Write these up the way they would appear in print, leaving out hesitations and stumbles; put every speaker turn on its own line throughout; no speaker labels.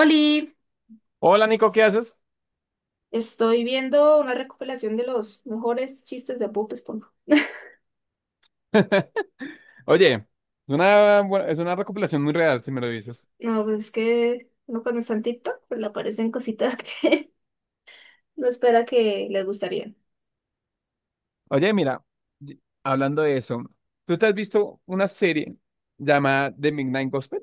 Oli,
Hola Nico, ¿qué haces?
estoy viendo una recopilación de los mejores chistes de Bob Esponja.
Oye, es una recopilación muy real, si me lo dices.
No, pues es que uno cuando está en TikTok, pues le aparecen cositas que no sé, les gustarían.
Oye, mira, hablando de eso, ¿tú te has visto una serie llamada The Midnight Gospel?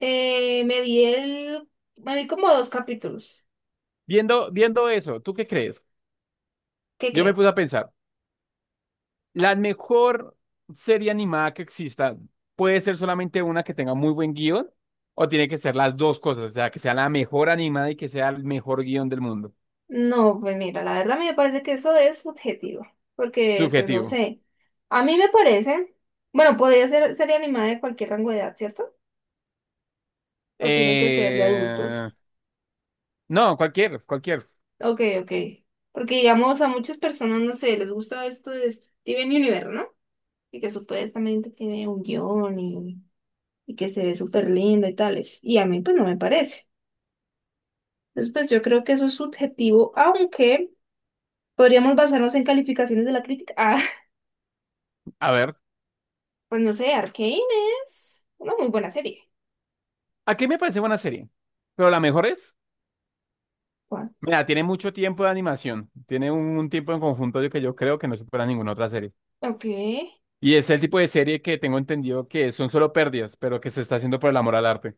Eh, me vi el, me vi como 2 capítulos.
Viendo eso, ¿tú qué crees?
¿Qué
Yo me
creo?
puse a pensar, la mejor serie animada que exista puede ser solamente una que tenga muy buen guión o tiene que ser las dos cosas, o sea, que sea la mejor animada y que sea el mejor guión del mundo.
No, pues mira, la verdad a mí me parece que eso es subjetivo, porque pues no
Subjetivo.
sé. A mí me parece, bueno, podría ser serie animada de cualquier rango de edad, ¿cierto? O tiene que ser de
Eh,
adultos.
no, cualquier, cualquier.
Ok, ok. Porque digamos a muchas personas, no sé, les gusta esto de Steven Universe, ¿no? Y que supuestamente tiene un guión y que se ve súper lindo y tales. Y a mí pues no me parece. Entonces pues yo creo que eso es subjetivo, aunque podríamos basarnos en calificaciones de la crítica. Ah,
A ver,
pues no sé, Arcane es una muy buena serie.
aquí me parece buena serie, pero la mejor es,
¿Cuál?
mira, tiene mucho tiempo de animación, tiene un tiempo en conjunto de que yo creo que no supera ninguna otra serie.
Ok.
Y es el tipo de serie que tengo entendido que son solo pérdidas, pero que se está haciendo por el amor al arte.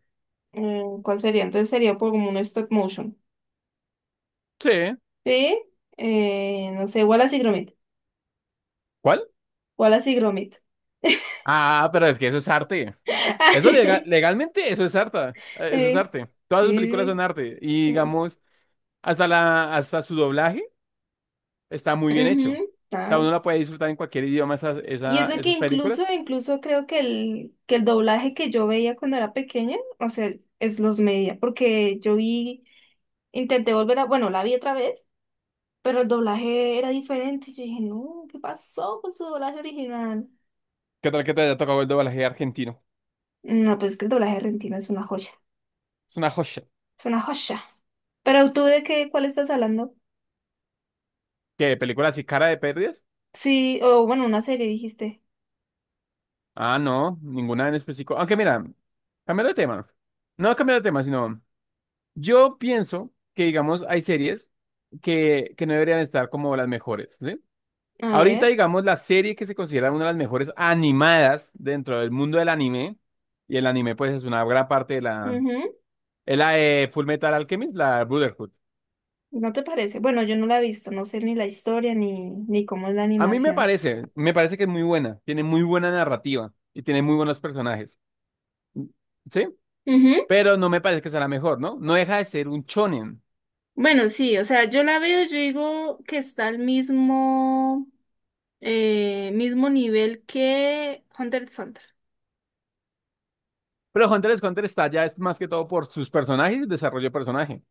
Mm, ¿cuál sería? Entonces sería por como un stop motion.
Sí.
Sí, no sé, Wallace y Gromit.
¿Cuál?
Wallace y Gromit.
Ah, pero es que eso es arte. Eso legalmente, eso es arte. Eso es
Eh,
arte. Todas sus
sí,
películas son
sí.
arte. Y
eh,
digamos, hasta su doblaje está muy bien hecho. O
ujú,
sea,
ah.
uno la puede disfrutar en cualquier idioma
Y eso que
esas
incluso,
películas.
incluso creo que que el doblaje que yo veía cuando era pequeña, o sea, es los media, porque yo vi, intenté volver a, bueno, la vi otra vez, pero el doblaje era diferente. Yo dije, no, ¿qué pasó con su doblaje original?
¿Qué tal que te haya tocado el doblaje argentino?
No, pues es que el doblaje argentino es una joya,
Es una joya.
es una joya. Pero tú de qué, ¿cuál estás hablando?
¿Qué? ¿Películas así cara de pérdidas?
Sí, o bueno, una serie dijiste.
Ah, no, ninguna en específico. Aunque mira, cambiando de tema. No cambiando de tema, sino yo pienso que, digamos, hay series que no deberían estar como las mejores, ¿sí?
A
Ahorita,
ver.
digamos, la serie que se considera una de las mejores animadas dentro del mundo del anime, y el anime, pues, es una gran parte de la... Es la de Full Metal Alchemist, la Brotherhood.
¿No te parece? Bueno, yo no la he visto, no sé ni la historia ni cómo es la
A mí
animación.
me parece que es muy buena, tiene muy buena narrativa y tiene muy buenos personajes, ¿sí?
Ujú.
Pero no me parece que sea la mejor, ¿no? No deja de ser un shonen.
Bueno, sí, o sea, yo la veo, yo digo que está al mismo, mismo nivel que Hunter x Hunter.
Pero Hunter x Hunter está ya es más que todo por sus personajes y desarrollo de personaje,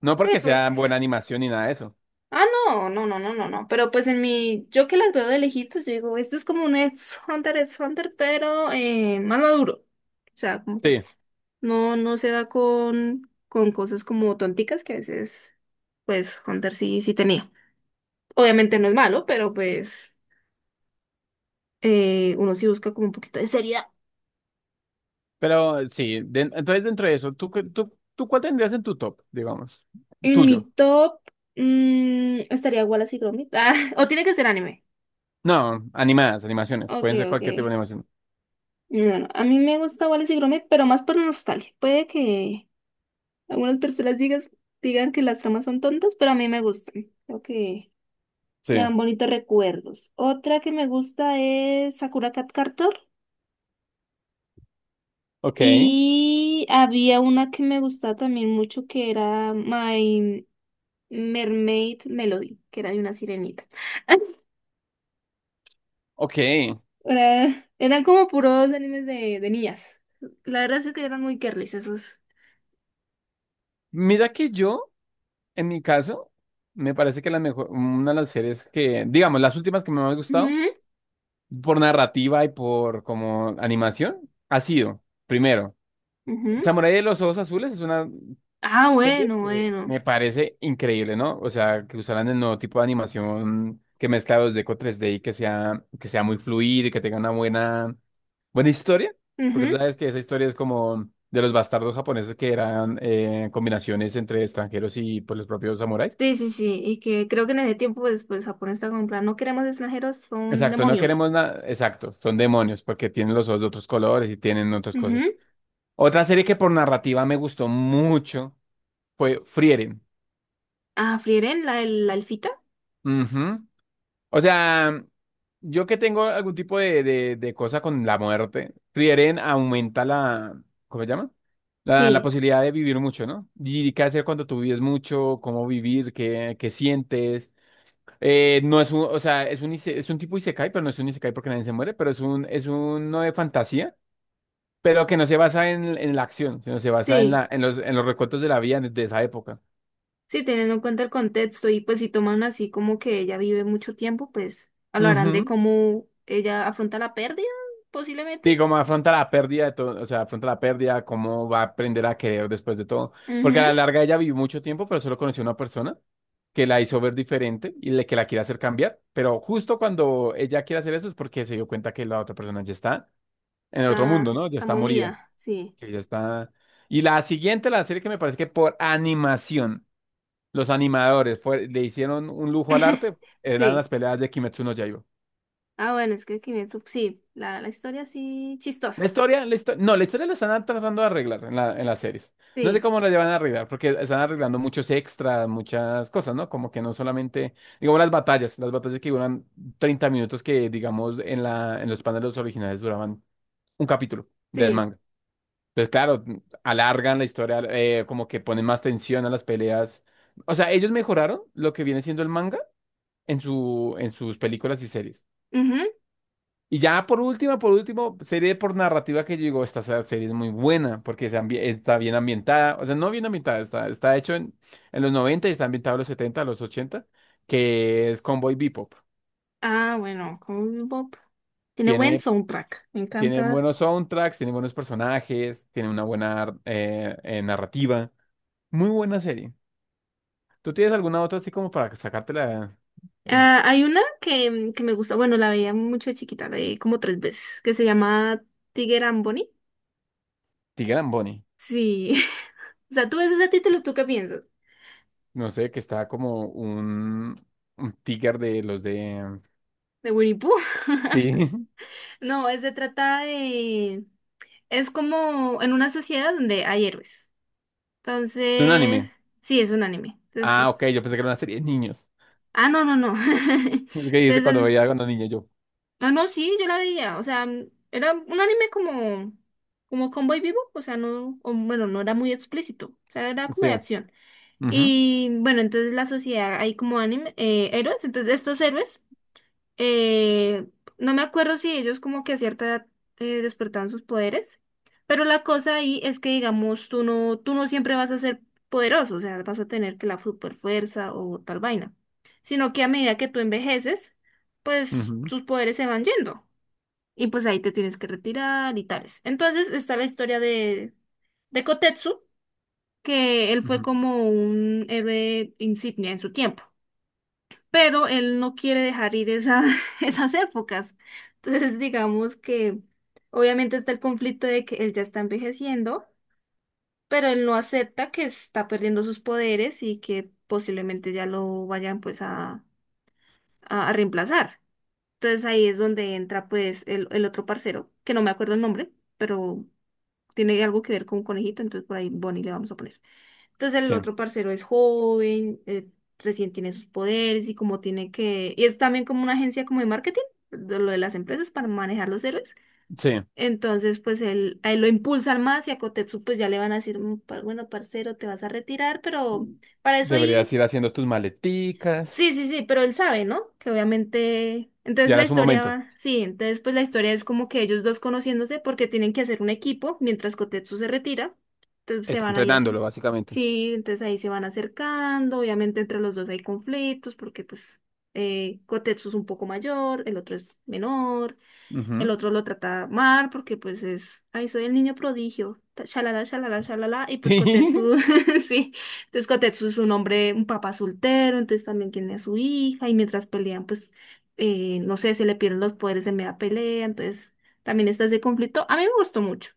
no
Sí,
porque sea
porque
buena animación ni nada de eso.
ah, no, no, no, no, no, no. Pero pues en mi, yo que las veo de lejitos, yo digo, esto es como un ex Hunter x Hunter, pero más maduro. O sea, como que
Sí,
no, no se va con cosas como tonticas que a veces, pues, Hunter sí, sí tenía. Obviamente no es malo, pero pues uno sí busca como un poquito de seriedad.
pero sí, entonces dentro de eso, ¿Tú cuál tendrías en tu top, digamos?
En
Tuyo.
mi top mm, estaría Wallace y Gromit. Ah, o tiene que ser anime.
No, animadas, animaciones,
Ok,
pueden ser
ok.
cualquier tipo de animación.
No, no, a mí me gusta Wallace y Gromit, pero más por nostalgia. Puede que algunas personas digas, digan que las tramas son tontas, pero a mí me gustan. Creo que
Sí,
me dan bonitos recuerdos. Otra que me gusta es Sakura Card Captor.
ok,
Y había una que me gustaba también mucho que era My... Mermaid Melody, que era de una sirenita.
ok.
Era- eran como puros animes de niñas. La verdad es que eran muy girlies esos.
Mira que yo... En mi caso, me parece que la mejor, una de las series que, digamos, las últimas que me han gustado,
Ujú,
por narrativa y por como animación, ha sido, primero,
ujú.
Samurai de los Ojos Azules es una
Ah,
serie
bueno,
que
bueno.
me parece increíble, ¿no? O sea, que usaran el nuevo tipo de animación que mezcla 2D con 3D y que sea muy fluido y que tenga una buena, buena historia, porque tú
Ujú.
sabes que esa historia es como de los bastardos japoneses que eran combinaciones entre extranjeros y pues, los propios samuráis.
Sí, sí, sí. Y que creo que en ese tiempo después Japón está con plan, no queremos extranjeros, son
Exacto, no
demonios.
queremos nada. Exacto, son demonios porque tienen los ojos de otros colores y tienen otras cosas.
Ujú.
Otra serie que por narrativa me gustó mucho fue Frieren.
Ah, Frieren, la elfita.
Ujú. O sea, yo que tengo algún tipo de, de cosa con la muerte, Frieren aumenta la, ¿cómo se llama? La
Sí,
posibilidad de vivir mucho, ¿no? Y qué hacer cuando tú vives mucho, cómo vivir, qué, qué sientes. No es un, o sea, es un tipo isekai, pero no es un isekai porque nadie se muere, pero es un, es uno de fantasía. Pero que no se basa en la acción, sino se basa en,
sí.
la, en, los, en los recuentos de la vida de esa época.
Sí, teniendo en cuenta el contexto y pues si toman así como que ella vive mucho tiempo, pues hablarán de
Ujú.
cómo ella afronta la pérdida, posiblemente.
Sí, cómo afronta la pérdida de todo, o sea, afronta la pérdida, cómo va a aprender a querer después de todo. Porque a
Ujú,
la larga ella vivió mucho tiempo, pero solo conoció a una persona que la hizo ver diferente y le, que la quiere hacer cambiar. Pero justo cuando ella quiere hacer eso es porque se dio cuenta que la otra persona ya está en el otro mundo,
La,
¿no? Ya
la
está morida,
momia, sí.
que ya está... Y la siguiente, la serie que me parece que por animación, los animadores le hicieron un lujo al arte, eran
Sí.
las peleas de Kimetsu no Yaiba.
Ah, bueno, es que Kimetsu, sí, la historia sí chistosa.
La historia, no, la historia la están tratando de arreglar en la, en las series. No sé
Sí,
cómo la llevan a arreglar, porque están arreglando muchos extras, muchas cosas, ¿no? Como que no solamente, digamos, las batallas que duran 30 minutos, que digamos, en la, en los paneles originales duraban un capítulo del
sí.
manga. Entonces, claro, alargan la historia, como que ponen más tensión a las peleas. O sea, ellos mejoraron lo que viene siendo el manga en su, en sus películas y series.
Ujú.
Y ya por último, serie por narrativa que yo digo, esta serie es muy buena porque está bien ambientada, o sea, no bien ambientada, está hecho en, los 90 y está ambientado en los 70 los 80 que es Cowboy Bebop.
Ah, bueno, Cowboy Bebop. Tiene buen
Tiene,
soundtrack, me
tiene
encanta.
buenos soundtracks, tiene buenos personajes, tiene una buena narrativa. Muy buena serie. ¿Tú tienes alguna otra así como para sacártela? Mm,
Ah, hay una que me gusta, bueno, la veía mucho de chiquita, la vi como 3 veces, que se llama Tiger and Bunny.
Tiger and Bunny.
Sí. O sea, tú ves ese título, ¿tú qué piensas?
No sé, que está como un tiger de los de...
¿De Winnie Pooh?
Sí,
No, es- se trata de... Es como en una sociedad donde hay héroes.
es un
Entonces,
anime.
sí, es un anime.
Ah,
Entonces,
ok, yo pensé que era una serie de niños.
ah, no, no, no.
Es que dice cuando
Entonces,
veía cuando niño yo.
no, no, sí, yo la veía. O sea, mm, era un anime como, como Cowboy Vivo. O sea, no, o, bueno, no era muy explícito. O sea, era como
Sí.
de acción.
Ujú,
Y bueno, entonces la sociedad hay como anime, héroes. Entonces, estos héroes Eh, no me acuerdo si ellos como que a cierta edad despertaban sus poderes, pero la cosa ahí es que digamos tú no siempre vas a ser poderoso, o sea, vas a tener que la super fuerza o tal vaina, sino que a medida que tú envejeces, pues
ujú,
tus poderes se van yendo y pues ahí te tienes que retirar y tales. Entonces está la historia de Kotetsu, que él fue
ujú.
como un héroe insignia en su tiempo, pero él no quiere dejar ir esa, esas épocas. Entonces, digamos que obviamente está el conflicto de que él ya está envejeciendo, pero él no acepta que está perdiendo sus poderes y que posiblemente ya lo vayan pues a reemplazar. Entonces ahí es donde entra pues el otro parcero, que no me acuerdo el nombre, pero tiene algo que ver con un conejito, entonces por ahí Bonnie le vamos a poner. Entonces el
Sí,
otro parcero es joven, recién tiene sus poderes y como tiene que... Y es también como una agencia como de marketing, de lo de las empresas para manejar los héroes.
sí.
Entonces pues él, a él lo impulsan más y a Kotetsu pues ya le van a decir, "Mm, pa- bueno, parcero, te vas a retirar, pero para eso
Deberías
ahí".
ir haciendo tus maleticas.
Sí, sí, sí, pero él sabe, ¿no? Que obviamente... Entonces
Ya
la
era su
historia
momento.
va... Sí, entonces pues la historia es como que ellos dos conociéndose porque tienen que hacer un equipo mientras Kotetsu se retira. Entonces se
Está
van ahí a
entrenándolo,
hacer...
básicamente.
Sí, entonces ahí se van acercando, obviamente entre los dos hay conflictos porque pues Kotetsu es un poco mayor, el otro es menor. El
Ujú.
otro lo trata mal porque pues es, ay, soy el niño prodigio, ta- shalala, shalala, shalala, y pues
Sí.
Kotetsu, sí, entonces Kotetsu es un hombre, un papá soltero, entonces también tiene a su hija, y mientras pelean, pues, no sé, se le pierden los poderes en media pelea, entonces también está ese conflicto. A mí me gustó mucho,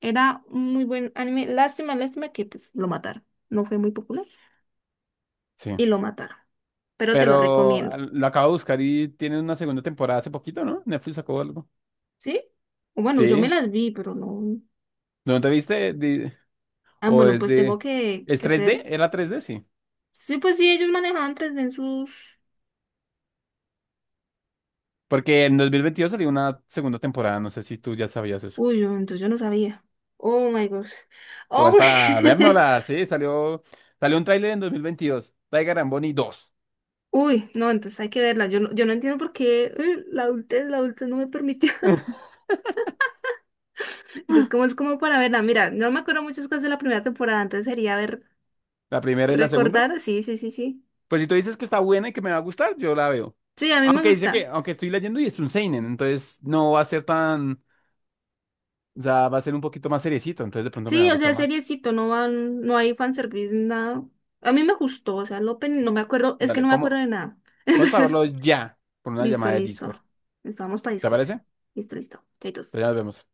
era un muy buen anime, lástima, lástima que pues lo mataron, no fue muy popular,
Sí.
y lo mataron, pero te lo
Pero
recomiendo,
lo acabo de buscar y tiene una segunda temporada hace poquito, ¿no? Netflix sacó algo.
¿sí? O bueno, yo me
Sí.
las vi, pero no.
¿No te viste?
Ah,
¿O
bueno,
es
pues tengo
de...
que,
¿Es
que
3D?
hacer.
¿Era 3D? Sí.
Sí, pues sí, ellos manejaban tres en sus...
Porque en 2022 salió una segunda temporada. No sé si tú ya sabías eso.
Uy, yo- entonces yo no sabía. Oh my gosh.
Como
Oh
es para
my...
vernosla, sí, salió, salió un tráiler en 2022 Tiger and Bunny 2.
Uy, no, entonces hay que verla. Yo no, yo no entiendo por qué la adultez no me permitió. Entonces, como es como para verla? Mira, no me acuerdo muchas cosas de la primera temporada, entonces sería ver,
La primera y la segunda.
recordar. Sí, sí, sí, sí.
Pues si tú dices que está buena y que me va a gustar, yo la veo.
Sí, a mí me
Aunque dice
gusta.
que, aunque estoy leyendo y es un seinen, entonces no va a ser tan, o sea, va a ser un poquito más seriecito, entonces de pronto me va a
Sí, o sea,
gustar más.
seriecito, no van, no hay fanservice, nada. A mí me gustó, o sea, el opening no me acuerdo, es que
Dale,
no me acuerdo
¿cómo?
de nada.
Vamos para
Entonces,
verlo ya, por una
listo,
llamada de Discord.
listo. Listo, vamos para
¿Te
Discord.
parece?
Listo, listo. Chaitos.
Pues ya nos vemos.